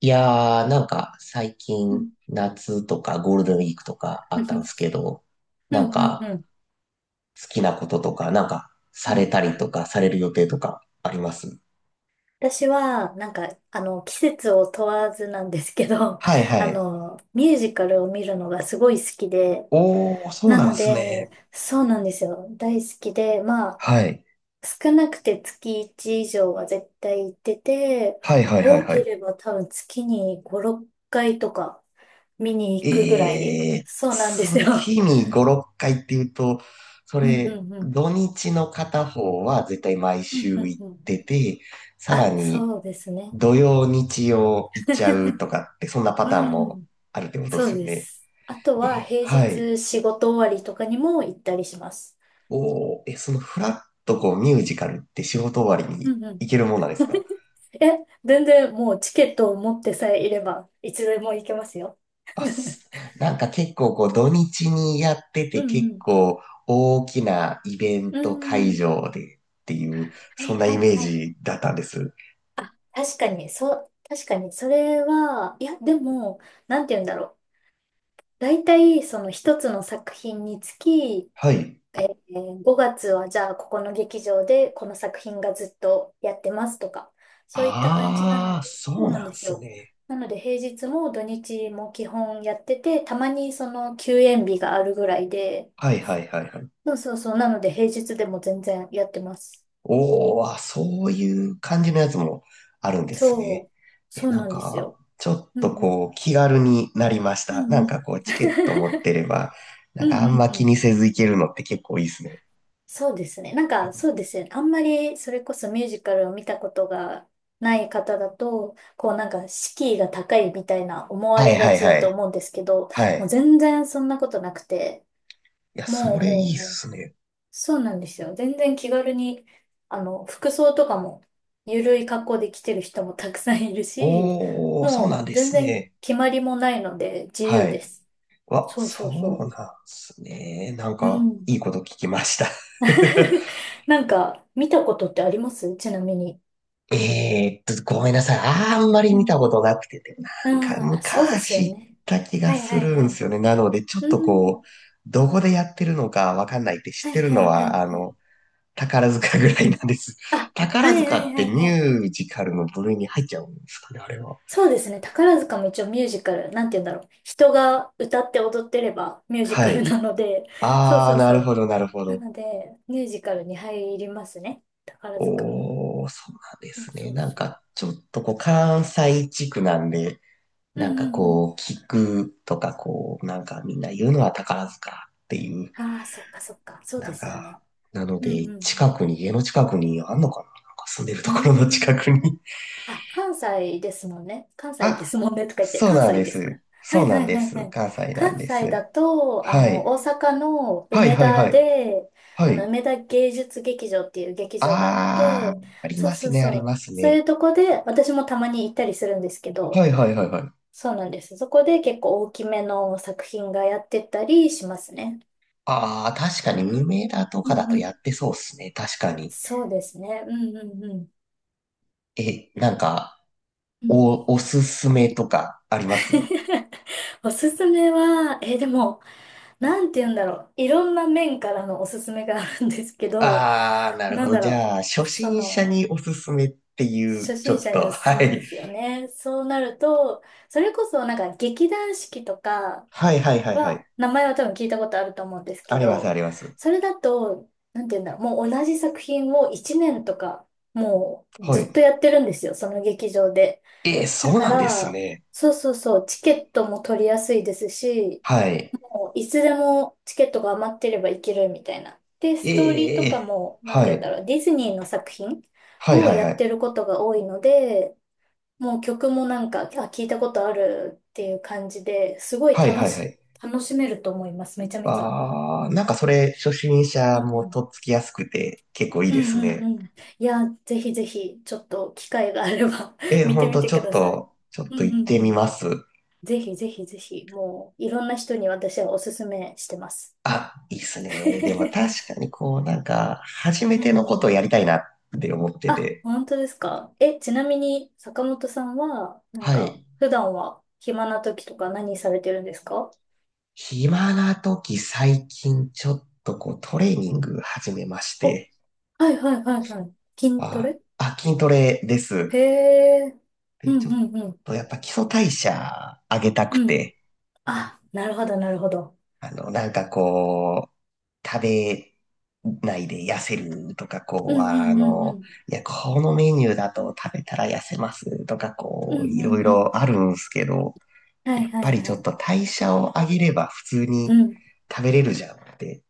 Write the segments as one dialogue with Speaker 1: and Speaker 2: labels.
Speaker 1: なんか最
Speaker 2: う
Speaker 1: 近
Speaker 2: ん、
Speaker 1: 夏とかゴールデンウィークとかあ
Speaker 2: う
Speaker 1: ったんで
Speaker 2: ん、
Speaker 1: すけど、
Speaker 2: うん、
Speaker 1: なん
Speaker 2: うん、う
Speaker 1: か
Speaker 2: ん、
Speaker 1: 好きなこととか、さ
Speaker 2: う
Speaker 1: れ
Speaker 2: ん、
Speaker 1: た
Speaker 2: うん。
Speaker 1: りとかされる予定とかあります？
Speaker 2: 私は、なんか、季節を問わずなんですけど、
Speaker 1: はい はい。
Speaker 2: ミュージカルを見るのがすごい好きで、
Speaker 1: おー、そう
Speaker 2: な
Speaker 1: なん
Speaker 2: の
Speaker 1: す
Speaker 2: で、
Speaker 1: ね。
Speaker 2: そうなんですよ。大好きで、まあ、
Speaker 1: はい。
Speaker 2: 少なくて月1以上は絶対行ってて、
Speaker 1: はいはいはい
Speaker 2: 多
Speaker 1: は
Speaker 2: け
Speaker 1: い。
Speaker 2: れば多分月に5、6回とか見に行くぐらい、
Speaker 1: えー、
Speaker 2: そうなんですよ。
Speaker 1: 月に5、6回っていうと、そ
Speaker 2: うん、
Speaker 1: れ、
Speaker 2: うん、うん、
Speaker 1: 土日の片方は絶対毎
Speaker 2: うん、う
Speaker 1: 週
Speaker 2: ん、
Speaker 1: 行っ
Speaker 2: うん。
Speaker 1: てて、さら
Speaker 2: あ、
Speaker 1: に
Speaker 2: そうですね。
Speaker 1: 土曜、日曜行っちゃう とかって、そんなパ
Speaker 2: う
Speaker 1: ターンも
Speaker 2: ん、
Speaker 1: あるってことです
Speaker 2: そう
Speaker 1: よ
Speaker 2: で
Speaker 1: ね？
Speaker 2: す。あとは
Speaker 1: え、
Speaker 2: 平
Speaker 1: はい。
Speaker 2: 日仕事終わりとかにも行ったりします。
Speaker 1: おー、え、そのフラッとこうミュージカルって仕事終わりに
Speaker 2: うんうん。
Speaker 1: 行けるもんなんですか？
Speaker 2: え、全然もうチケットを持ってさえいれば、いつでも行けますよ。
Speaker 1: あ、す、結構こう土日にやってて、
Speaker 2: うん
Speaker 1: 結
Speaker 2: うん
Speaker 1: 構大きなイベン
Speaker 2: う
Speaker 1: ト会
Speaker 2: ん。
Speaker 1: 場でっていう、
Speaker 2: は
Speaker 1: そ
Speaker 2: い
Speaker 1: んな
Speaker 2: はい
Speaker 1: イメー
Speaker 2: はい。
Speaker 1: ジだったんです。
Speaker 2: 確かに、そう、確かに、それは、いや、でも、なんて言うんだろう。大体、その一つの作品につき、
Speaker 1: はい。
Speaker 2: 5月はじゃあここの劇場でこの作品がずっとやってますとか、そういった感じな
Speaker 1: あ
Speaker 2: の
Speaker 1: あ、
Speaker 2: で、
Speaker 1: そ
Speaker 2: そう
Speaker 1: う
Speaker 2: なん
Speaker 1: な
Speaker 2: で
Speaker 1: ん
Speaker 2: す
Speaker 1: す
Speaker 2: よ。
Speaker 1: ね。
Speaker 2: なので平日も土日も基本やってて、たまにその休演日があるぐらいで、
Speaker 1: はいはいはいはい。
Speaker 2: そうそうそう、なので平日でも全然やってます。
Speaker 1: おお、あ、そういう感じのやつもあるんですね。
Speaker 2: そう、
Speaker 1: え、
Speaker 2: そうなんですよ。
Speaker 1: ちょっ
Speaker 2: う
Speaker 1: と
Speaker 2: んうん。
Speaker 1: こう、気軽になりまし
Speaker 2: う
Speaker 1: た。
Speaker 2: んうん。
Speaker 1: チケット持って れば、
Speaker 2: うん
Speaker 1: あん
Speaker 2: う
Speaker 1: ま
Speaker 2: んう
Speaker 1: 気
Speaker 2: ん。
Speaker 1: にせず行けるのって結構いいですね。
Speaker 2: そうですね。なんか、そうですよね。あんまり、それこそミュージカルを見たことがない方だと、こうなんか、敷居が高いみたいな思わ
Speaker 1: はい
Speaker 2: れが
Speaker 1: はい
Speaker 2: ちだ
Speaker 1: は
Speaker 2: と
Speaker 1: い。
Speaker 2: 思うんですけど、
Speaker 1: は
Speaker 2: もう
Speaker 1: い。
Speaker 2: 全然そんなことなくて、
Speaker 1: いや、そ
Speaker 2: もう
Speaker 1: れ
Speaker 2: も
Speaker 1: い
Speaker 2: う
Speaker 1: いっ
Speaker 2: もう、
Speaker 1: すね。
Speaker 2: そうなんですよ。全然気軽に、服装とかも、ゆるい格好で来てる人もたくさんいるし、
Speaker 1: おー、そうなん
Speaker 2: もう
Speaker 1: で
Speaker 2: 全
Speaker 1: す
Speaker 2: 然
Speaker 1: ね。
Speaker 2: 決まりもないので自
Speaker 1: は
Speaker 2: 由で
Speaker 1: い。
Speaker 2: す。
Speaker 1: わ、
Speaker 2: そうそ
Speaker 1: そ
Speaker 2: うそ
Speaker 1: うなんですね。
Speaker 2: う。うん。
Speaker 1: いいこと聞きました。
Speaker 2: なんか、見たことってありますちなみに？
Speaker 1: えーっと、ごめんなさい。あんまり
Speaker 2: う
Speaker 1: 見
Speaker 2: ん。
Speaker 1: たことなくて、
Speaker 2: ああ、そうですよ
Speaker 1: 昔行っ
Speaker 2: ね。
Speaker 1: た気が
Speaker 2: はい
Speaker 1: す
Speaker 2: はい
Speaker 1: る
Speaker 2: は
Speaker 1: んです
Speaker 2: い。
Speaker 1: よね。なので、ちょっ
Speaker 2: う
Speaker 1: とこ
Speaker 2: ん。
Speaker 1: う、どこでやってるのかわかんないって、知っ
Speaker 2: は
Speaker 1: て
Speaker 2: い
Speaker 1: る
Speaker 2: は
Speaker 1: の
Speaker 2: いはい
Speaker 1: は、
Speaker 2: はい。
Speaker 1: 宝塚ぐらいなんです。
Speaker 2: あ、は
Speaker 1: 宝
Speaker 2: い
Speaker 1: 塚
Speaker 2: はい
Speaker 1: っ
Speaker 2: は
Speaker 1: て
Speaker 2: い
Speaker 1: ミ
Speaker 2: はい。
Speaker 1: ュージカルの部類に入っちゃうんですかね、あれは？
Speaker 2: そうですね。宝塚も一応ミュージカル、なんて言うんだろう。人が歌って踊ってればミュージ
Speaker 1: は
Speaker 2: カル
Speaker 1: い。
Speaker 2: なので、そう
Speaker 1: あ
Speaker 2: そ
Speaker 1: ー、
Speaker 2: う
Speaker 1: な
Speaker 2: そ
Speaker 1: る
Speaker 2: う。
Speaker 1: ほど、なるほ
Speaker 2: な
Speaker 1: ど。
Speaker 2: ので、ミュージカルに入りますね。宝塚も。
Speaker 1: おー、そうなんで
Speaker 2: そう
Speaker 1: すね。
Speaker 2: そうそう。
Speaker 1: ちょっとこう、関西地区なんで、
Speaker 2: うんうんうん。
Speaker 1: 聞くとかこう、みんな言うのは宝塚っていう、
Speaker 2: ああ、そっかそっか。そう
Speaker 1: な
Speaker 2: で
Speaker 1: ん
Speaker 2: すよ
Speaker 1: か、
Speaker 2: ね。
Speaker 1: なの
Speaker 2: うん
Speaker 1: で、
Speaker 2: うん
Speaker 1: 近くに、家の近くにあんのかな、住んでると
Speaker 2: うん。う
Speaker 1: ころの近
Speaker 2: ーん。
Speaker 1: くに。
Speaker 2: あ、関西ですもんね。関 西で
Speaker 1: あ、
Speaker 2: すもんねとか言って、
Speaker 1: そう
Speaker 2: 関
Speaker 1: なん
Speaker 2: 西
Speaker 1: で
Speaker 2: ですか？
Speaker 1: す。
Speaker 2: は
Speaker 1: そう
Speaker 2: い
Speaker 1: な
Speaker 2: は
Speaker 1: ん
Speaker 2: い
Speaker 1: で
Speaker 2: はいは
Speaker 1: す。
Speaker 2: い。
Speaker 1: 関西なん
Speaker 2: 関
Speaker 1: で
Speaker 2: 西
Speaker 1: す。
Speaker 2: だと、
Speaker 1: はい。
Speaker 2: 大阪の
Speaker 1: はい
Speaker 2: 梅
Speaker 1: はい
Speaker 2: 田
Speaker 1: はい。
Speaker 2: で、
Speaker 1: はい。
Speaker 2: 梅田芸術劇場っていう劇場があっ
Speaker 1: あ
Speaker 2: て、
Speaker 1: ー、あり
Speaker 2: そう
Speaker 1: ま
Speaker 2: そ
Speaker 1: す
Speaker 2: う
Speaker 1: ね、あ
Speaker 2: そ
Speaker 1: り
Speaker 2: う。
Speaker 1: ます
Speaker 2: そう
Speaker 1: ね。
Speaker 2: いうとこで、私もたまに行ったりするんですけど、
Speaker 1: はいはいはいはい。
Speaker 2: そうなんです。そこで結構大きめの作品がやってたりしますね。
Speaker 1: あー、確かに無名だと
Speaker 2: う
Speaker 1: かだ
Speaker 2: ん
Speaker 1: と
Speaker 2: う
Speaker 1: や
Speaker 2: ん。
Speaker 1: ってそうっすね。確かに。
Speaker 2: そうですね。うんうんうん。
Speaker 1: え、
Speaker 2: うん。
Speaker 1: お、おすすめとかあります？
Speaker 2: おすすめは、でも、なんて言うんだろう。いろんな面からのおすすめがあるんですけど、
Speaker 1: あー、なる
Speaker 2: な
Speaker 1: ほ
Speaker 2: ん
Speaker 1: ど。
Speaker 2: だ
Speaker 1: じ
Speaker 2: ろう。
Speaker 1: ゃあ、初
Speaker 2: そ
Speaker 1: 心者
Speaker 2: の、
Speaker 1: におすすめっていう、
Speaker 2: 初
Speaker 1: ちょ
Speaker 2: 心
Speaker 1: っ
Speaker 2: 者に
Speaker 1: と、
Speaker 2: おすす
Speaker 1: は
Speaker 2: めで
Speaker 1: い。
Speaker 2: すよね。そうなると、それこそなんか劇団四季とか
Speaker 1: はいはいはいはい。
Speaker 2: は、名前は多分聞いたことあると思うんですけ
Speaker 1: ありますあ
Speaker 2: ど、
Speaker 1: ります。
Speaker 2: それだと、なんて言うんだろう。もう同じ作品を1年とか、もう
Speaker 1: は
Speaker 2: ず
Speaker 1: い。
Speaker 2: っとやってるんですよ。その劇場で。
Speaker 1: えー、
Speaker 2: だ
Speaker 1: そう
Speaker 2: か
Speaker 1: なんです
Speaker 2: ら、
Speaker 1: ね。
Speaker 2: そうそうそう、チケットも取りやすいですし、
Speaker 1: はい。
Speaker 2: もういつでもチケットが余ってれば行けるみたいな。で、ストーリーとか
Speaker 1: えー、
Speaker 2: も、なんて
Speaker 1: は
Speaker 2: 言うん
Speaker 1: い。
Speaker 2: だろう、ディズニーの作品
Speaker 1: はい
Speaker 2: を
Speaker 1: はい
Speaker 2: や
Speaker 1: は
Speaker 2: って
Speaker 1: い。
Speaker 2: ることが多いので、もう曲もなんか、あ、聞いたことあるっていう感じで、すごい
Speaker 1: はいはいはい。
Speaker 2: 楽しめると思います、めちゃめちゃ。
Speaker 1: あー、それ、初心
Speaker 2: う
Speaker 1: 者
Speaker 2: んう
Speaker 1: も
Speaker 2: ん。
Speaker 1: とっつきやすくて、結構いい
Speaker 2: うん
Speaker 1: です
Speaker 2: うんう
Speaker 1: ね。
Speaker 2: ん。いや、ぜひぜひ、ちょっと機会があれば
Speaker 1: えー、
Speaker 2: 見
Speaker 1: ほ
Speaker 2: て
Speaker 1: ん
Speaker 2: み
Speaker 1: と、
Speaker 2: て
Speaker 1: ちょ
Speaker 2: く
Speaker 1: っ
Speaker 2: ださい。
Speaker 1: と、ちょっ
Speaker 2: う
Speaker 1: と
Speaker 2: んう
Speaker 1: 行っ
Speaker 2: ん
Speaker 1: て
Speaker 2: う
Speaker 1: み
Speaker 2: ん。
Speaker 1: ます。
Speaker 2: ぜひぜひぜひ、もういろんな人に私はおすすめしてます。
Speaker 1: あ、いいっす ね。でも確かにこう、初め
Speaker 2: う
Speaker 1: ての
Speaker 2: んう
Speaker 1: こと
Speaker 2: ん。
Speaker 1: をやりたいなって思って
Speaker 2: あ、
Speaker 1: て。
Speaker 2: 本当ですか。え、ちなみに坂本さんは、なん
Speaker 1: は
Speaker 2: か、
Speaker 1: い。
Speaker 2: 普段は暇な時とか何されてるんですか？
Speaker 1: 暇な時、最近ちょっとこうトレーニング始めまし
Speaker 2: お、
Speaker 1: て、
Speaker 2: はいはいはいはい。筋ト
Speaker 1: あ、
Speaker 2: レ？
Speaker 1: あ、筋トレです。
Speaker 2: へえ。う
Speaker 1: で、
Speaker 2: ん
Speaker 1: ちょっ
Speaker 2: うんうん。
Speaker 1: とやっぱ基礎代謝上げたく
Speaker 2: うん。
Speaker 1: て、
Speaker 2: あ、なるほどなるほど。
Speaker 1: あの、食べないで痩せるとか、
Speaker 2: う
Speaker 1: こう、
Speaker 2: んう
Speaker 1: あ
Speaker 2: んうんう
Speaker 1: の、
Speaker 2: ん。
Speaker 1: いや、このメニューだと食べたら痩せますとか、
Speaker 2: う
Speaker 1: こう、
Speaker 2: ん
Speaker 1: い
Speaker 2: う
Speaker 1: ろい
Speaker 2: んうん。
Speaker 1: ろあるんですけど、
Speaker 2: は
Speaker 1: や
Speaker 2: い
Speaker 1: っ
Speaker 2: は
Speaker 1: ぱ
Speaker 2: い
Speaker 1: りちょっ
Speaker 2: は
Speaker 1: と代謝を上げれば普通
Speaker 2: い。
Speaker 1: に
Speaker 2: うん。
Speaker 1: 食べれるじゃんって。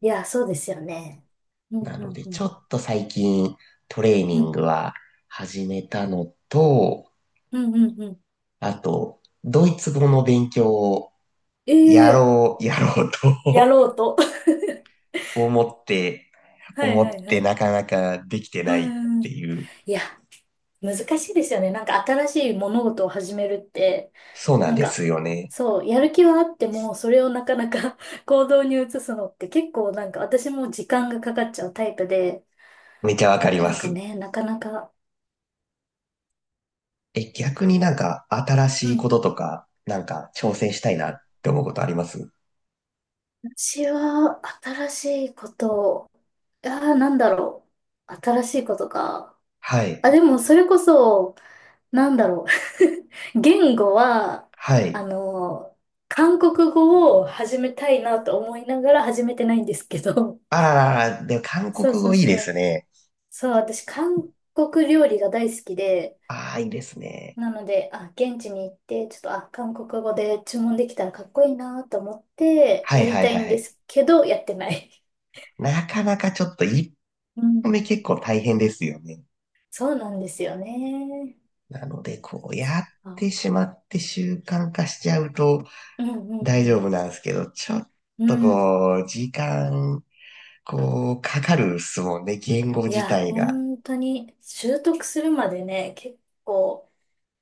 Speaker 2: いや、そうですよね。うん
Speaker 1: な
Speaker 2: う
Speaker 1: の
Speaker 2: ん
Speaker 1: で、
Speaker 2: う
Speaker 1: ちょ
Speaker 2: ん。
Speaker 1: っと最近トレー
Speaker 2: う
Speaker 1: ニン
Speaker 2: ん
Speaker 1: グは始めたのと、
Speaker 2: うんうんうん。
Speaker 1: あと、ドイツ語の勉強をや
Speaker 2: ええ、
Speaker 1: ろう、やろう
Speaker 2: や
Speaker 1: と
Speaker 2: ろうと。
Speaker 1: 思って、
Speaker 2: はい
Speaker 1: 思っ
Speaker 2: はいは
Speaker 1: て
Speaker 2: い。
Speaker 1: なかなかできて
Speaker 2: う
Speaker 1: ないっ
Speaker 2: んう
Speaker 1: て
Speaker 2: ん。
Speaker 1: いう。
Speaker 2: いや、難しいですよね。なんか新しい物事を始めるって、
Speaker 1: そうなん
Speaker 2: なん
Speaker 1: です
Speaker 2: か、
Speaker 1: よね。
Speaker 2: そう、やる気はあっても、それをなかなか 行動に移すのって結構なんか私も時間がかかっちゃうタイプで、
Speaker 1: めちゃわかり
Speaker 2: な
Speaker 1: ま
Speaker 2: んか
Speaker 1: す。
Speaker 2: ね、なかなか、
Speaker 1: え、逆に新
Speaker 2: う
Speaker 1: しいこ
Speaker 2: ん。
Speaker 1: ととか、挑戦したいなって思うことあります？
Speaker 2: 私は新しいことを、ああ、なんだろう。新しいことか。
Speaker 1: はい。
Speaker 2: あ、でもそれこそ、なんだろう。言語は、
Speaker 1: は
Speaker 2: あ
Speaker 1: い。
Speaker 2: の、韓国語を始めたいなと思いながら始めてないんですけど。
Speaker 1: あららら、でも 韓国
Speaker 2: そうそう
Speaker 1: 語いい
Speaker 2: そ
Speaker 1: です
Speaker 2: う。
Speaker 1: ね。
Speaker 2: そう、私、韓国料理が大好きで、
Speaker 1: ああ、いいですね。
Speaker 2: なので、あ、現地に行って、ちょっと、あ、韓国語で注文できたらかっこいいなと思って、
Speaker 1: は
Speaker 2: や
Speaker 1: い
Speaker 2: り
Speaker 1: はい
Speaker 2: た
Speaker 1: はい
Speaker 2: いん
Speaker 1: は
Speaker 2: で
Speaker 1: い。
Speaker 2: すけど、やってない。
Speaker 1: なかなかちょっと一
Speaker 2: うん。
Speaker 1: 歩目 結構大変ですよね。
Speaker 2: そうなんですよね。
Speaker 1: なので、こうやって
Speaker 2: あ、
Speaker 1: しまって習慣化しちゃうと
Speaker 2: うんうん
Speaker 1: 大
Speaker 2: う
Speaker 1: 丈
Speaker 2: ん。
Speaker 1: 夫なんですけど、ちょっ
Speaker 2: う
Speaker 1: と
Speaker 2: ん。
Speaker 1: こう、時間、こう、かかるっすもんね、言語
Speaker 2: い
Speaker 1: 自
Speaker 2: や、
Speaker 1: 体が。
Speaker 2: 本当に、習得するまでね、結構、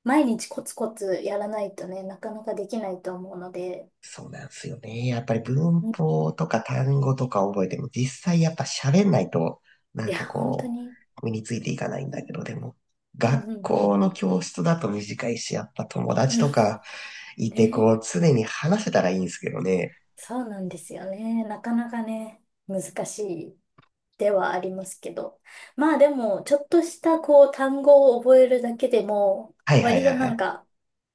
Speaker 2: 毎日コツコツやらないとね、なかなかできないと思うので、
Speaker 1: そうなんですよね。やっぱり文
Speaker 2: うん、
Speaker 1: 法とか単語とか覚えても、実際やっぱ喋んないと、な
Speaker 2: い
Speaker 1: んか
Speaker 2: や、本当
Speaker 1: こ
Speaker 2: に、
Speaker 1: 身についていかないんだけど、でも、
Speaker 2: うん
Speaker 1: 学
Speaker 2: うんう
Speaker 1: 校
Speaker 2: んう
Speaker 1: の
Speaker 2: ん。
Speaker 1: 教室だと短いし、やっぱ友
Speaker 2: う
Speaker 1: 達
Speaker 2: ん、
Speaker 1: とか、いて、
Speaker 2: ね、
Speaker 1: こう、常に話せたらいいんですけどね。
Speaker 2: そうなんですよね。なかなかね、難しいではありますけど。まあでも、ちょっとしたこう単語を覚えるだけでも、
Speaker 1: はいはい
Speaker 2: 割
Speaker 1: は
Speaker 2: と
Speaker 1: いは
Speaker 2: なん
Speaker 1: い。
Speaker 2: か、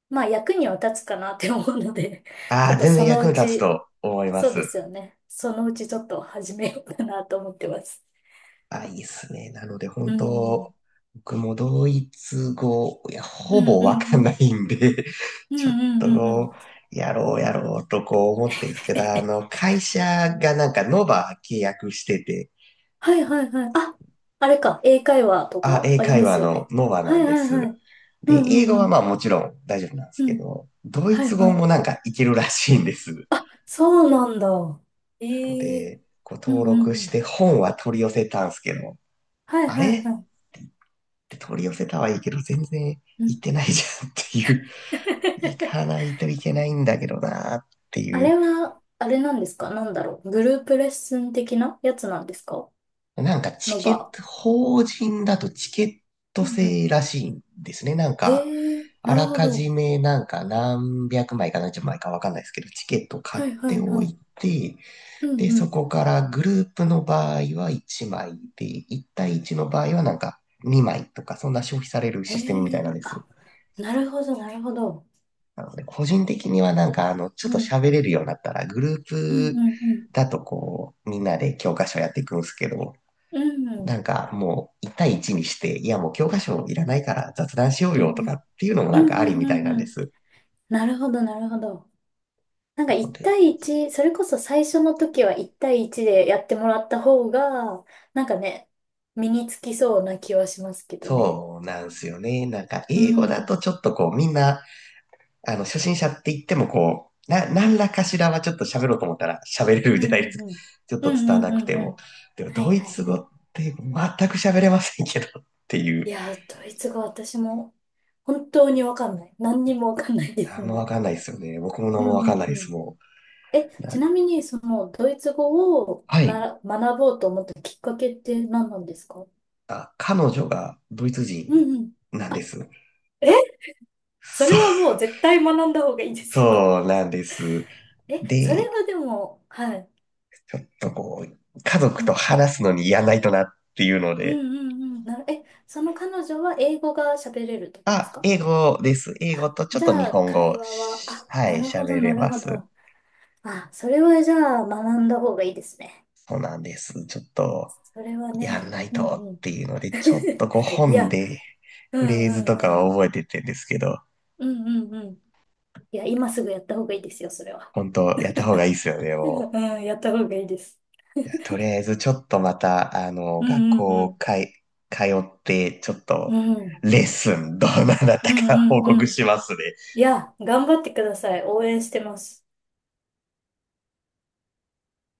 Speaker 2: まあ役には立つかなって思うので、ち
Speaker 1: あ
Speaker 2: ょ
Speaker 1: あ、
Speaker 2: っと
Speaker 1: 全然
Speaker 2: その
Speaker 1: 役
Speaker 2: う
Speaker 1: に立つ
Speaker 2: ち、
Speaker 1: と思いま
Speaker 2: そうで
Speaker 1: す。
Speaker 2: すよね。そのうちちょっと始めようかなと思ってます。
Speaker 1: あ、いいっすね。なので、
Speaker 2: う
Speaker 1: 本
Speaker 2: ん、う
Speaker 1: 当
Speaker 2: ん、
Speaker 1: 僕もドイツ語、いや、
Speaker 2: う
Speaker 1: ほ
Speaker 2: ん、う
Speaker 1: ぼ
Speaker 2: ん、
Speaker 1: わ
Speaker 2: う
Speaker 1: かんな
Speaker 2: ん、
Speaker 1: いんで、
Speaker 2: うん、
Speaker 1: ちょっ
Speaker 2: う
Speaker 1: と
Speaker 2: ん、う
Speaker 1: こ
Speaker 2: ん。
Speaker 1: う、やろうやろうとこう思ってるんですけど、あの、会社がノバ契約してて、
Speaker 2: はいはいはい。あ、あれか。英会話と
Speaker 1: あ、
Speaker 2: か
Speaker 1: 英
Speaker 2: あり
Speaker 1: 会
Speaker 2: ま
Speaker 1: 話
Speaker 2: すよ
Speaker 1: の
Speaker 2: ね。
Speaker 1: ノバな
Speaker 2: は
Speaker 1: ん
Speaker 2: い
Speaker 1: で
Speaker 2: はいは
Speaker 1: す。
Speaker 2: い。う
Speaker 1: で、
Speaker 2: んう
Speaker 1: 英語
Speaker 2: んう
Speaker 1: はまあ
Speaker 2: ん。
Speaker 1: もちろん大丈夫なんです
Speaker 2: う
Speaker 1: け
Speaker 2: ん。
Speaker 1: ど、ドイ
Speaker 2: はい
Speaker 1: ツ
Speaker 2: は
Speaker 1: 語
Speaker 2: い。
Speaker 1: もいけるらしいんです。
Speaker 2: あ、そうなんだ。
Speaker 1: の
Speaker 2: ええ、
Speaker 1: で、こう
Speaker 2: う
Speaker 1: 登
Speaker 2: んう
Speaker 1: 録
Speaker 2: んう
Speaker 1: して
Speaker 2: ん。
Speaker 1: 本は取り寄せたんすけど、
Speaker 2: はい
Speaker 1: あれ
Speaker 2: はい
Speaker 1: って
Speaker 2: はい。
Speaker 1: 言って取り寄せたはいいけど、全然
Speaker 2: う
Speaker 1: 行っ
Speaker 2: ん。
Speaker 1: てないじゃんっていう、行か ないといけないんだけどなって
Speaker 2: あ
Speaker 1: いう。
Speaker 2: れは、あれなんですか？なんだろう。グループレッスン的なやつなんですか？
Speaker 1: チ
Speaker 2: の
Speaker 1: ケッ
Speaker 2: 場。
Speaker 1: ト、法人だとチケット
Speaker 2: うんうん。
Speaker 1: 制らしいんですね。
Speaker 2: へえ、
Speaker 1: あ
Speaker 2: なる
Speaker 1: ら
Speaker 2: ほ
Speaker 1: かじ
Speaker 2: ど。
Speaker 1: め何百枚か何十枚かわかんないですけど、チケット買っ
Speaker 2: はいはい
Speaker 1: てお
Speaker 2: は
Speaker 1: い
Speaker 2: い。
Speaker 1: て、
Speaker 2: う
Speaker 1: で、
Speaker 2: んう
Speaker 1: そ
Speaker 2: ん。
Speaker 1: こからグループの場合は1枚で、1対1の場合は2枚とか、そんな消費される
Speaker 2: へ
Speaker 1: システムみたいなん
Speaker 2: え、
Speaker 1: です。
Speaker 2: あ、なるほどなるほど。
Speaker 1: なので、個人的にはちょっ
Speaker 2: う
Speaker 1: と
Speaker 2: ん。
Speaker 1: 喋れるようになったら、グルー
Speaker 2: うん
Speaker 1: プ
Speaker 2: うんうん。
Speaker 1: だとこう、みんなで教科書やっていくんですけど、
Speaker 2: うん。うん
Speaker 1: もう1対1にして、いやもう教科書いらないから雑談しよう
Speaker 2: う
Speaker 1: よと
Speaker 2: ん
Speaker 1: かっていうのも
Speaker 2: うん
Speaker 1: あり
Speaker 2: う
Speaker 1: み
Speaker 2: ん
Speaker 1: た
Speaker 2: う
Speaker 1: いなん
Speaker 2: ん
Speaker 1: で
Speaker 2: うん。
Speaker 1: す。
Speaker 2: なるほど、なるほど。なんか
Speaker 1: なの
Speaker 2: 1
Speaker 1: で、
Speaker 2: 対1、それこそ最初の時は1対1でやってもらった方が、なんかね、身につきそうな気はしますけどね。
Speaker 1: そうなんですよね。
Speaker 2: う
Speaker 1: 英語だ
Speaker 2: ん。
Speaker 1: とちょっとこうみんなあの、初心者って言ってもこう、な、何らかしらはちょっと喋ろうと思ったら喋れる
Speaker 2: うん
Speaker 1: じゃない
Speaker 2: う
Speaker 1: です
Speaker 2: ん
Speaker 1: か。
Speaker 2: うん。
Speaker 1: ちょっと
Speaker 2: うん
Speaker 1: 伝わ
Speaker 2: うん
Speaker 1: なく
Speaker 2: うん
Speaker 1: て
Speaker 2: う
Speaker 1: も。
Speaker 2: ん。
Speaker 1: でも、
Speaker 2: は
Speaker 1: ド
Speaker 2: い
Speaker 1: イ
Speaker 2: はい
Speaker 1: ツ
Speaker 2: は
Speaker 1: 語
Speaker 2: い。
Speaker 1: って全く喋れませんけどってい
Speaker 2: い
Speaker 1: う。
Speaker 2: やー、ドイツ語私も本当にわかんない。何にもわかんないです
Speaker 1: 何もわ
Speaker 2: ね。
Speaker 1: かんないですよね。僕も
Speaker 2: う
Speaker 1: 何
Speaker 2: ん
Speaker 1: もわか
Speaker 2: う
Speaker 1: んない
Speaker 2: ん
Speaker 1: で
Speaker 2: う
Speaker 1: す、
Speaker 2: ん。
Speaker 1: も
Speaker 2: え、
Speaker 1: う。
Speaker 2: ち
Speaker 1: な、
Speaker 2: なみにそのドイツ語を
Speaker 1: は
Speaker 2: な
Speaker 1: い。
Speaker 2: ら学ぼうと思ったきっかけって何なんですか？
Speaker 1: あ、彼女がドイツ
Speaker 2: う
Speaker 1: 人
Speaker 2: んうん。
Speaker 1: なんです。
Speaker 2: え、そ
Speaker 1: そ
Speaker 2: れ
Speaker 1: う、
Speaker 2: はもう絶対学んだ方がいいで すよ。
Speaker 1: そうなんです。
Speaker 2: え、それ
Speaker 1: で、
Speaker 2: はでも、はい。
Speaker 1: ちょっとこう、家
Speaker 2: う
Speaker 1: 族と
Speaker 2: ん。
Speaker 1: 話すのにやらないとなっていうの
Speaker 2: うん
Speaker 1: で、
Speaker 2: うんうん。え、その彼女は英語が喋れるとかです
Speaker 1: あ、
Speaker 2: か？
Speaker 1: 英語です。英語とちょっ
Speaker 2: じゃ
Speaker 1: と日
Speaker 2: あ、
Speaker 1: 本語を
Speaker 2: 会話は、
Speaker 1: し、
Speaker 2: あ、
Speaker 1: は
Speaker 2: な
Speaker 1: い、
Speaker 2: るほ
Speaker 1: 喋
Speaker 2: ど、な
Speaker 1: れ
Speaker 2: る
Speaker 1: ま
Speaker 2: ほ
Speaker 1: す。
Speaker 2: ど。あ、それはじゃあ、学んだ方がいいですね。
Speaker 1: そうなんです。ちょっと、
Speaker 2: それは
Speaker 1: やん
Speaker 2: ね、
Speaker 1: ない
Speaker 2: う
Speaker 1: とっ
Speaker 2: んうん。
Speaker 1: ていうので、ちょっとこう
Speaker 2: い
Speaker 1: 本
Speaker 2: や、
Speaker 1: で
Speaker 2: う
Speaker 1: フ
Speaker 2: ん
Speaker 1: レー
Speaker 2: う
Speaker 1: ズとか
Speaker 2: んう
Speaker 1: は
Speaker 2: ん。
Speaker 1: 覚えてってんですけど、
Speaker 2: うんうんうん。いや、今すぐやった方がいいですよ、それは。
Speaker 1: 本当やった方がいいですよね、も
Speaker 2: うん、やった方がいいです。
Speaker 1: う。いや、とりあえずちょっとまた、あの、
Speaker 2: う
Speaker 1: 学
Speaker 2: んうんう
Speaker 1: 校
Speaker 2: ん。
Speaker 1: かい、通って、ちょっ
Speaker 2: う
Speaker 1: と、
Speaker 2: ん。
Speaker 1: レッスン、どうなっ
Speaker 2: うん
Speaker 1: たか
Speaker 2: う
Speaker 1: 報
Speaker 2: んう
Speaker 1: 告
Speaker 2: ん。
Speaker 1: しますね。
Speaker 2: いや、頑張ってください。応援してます。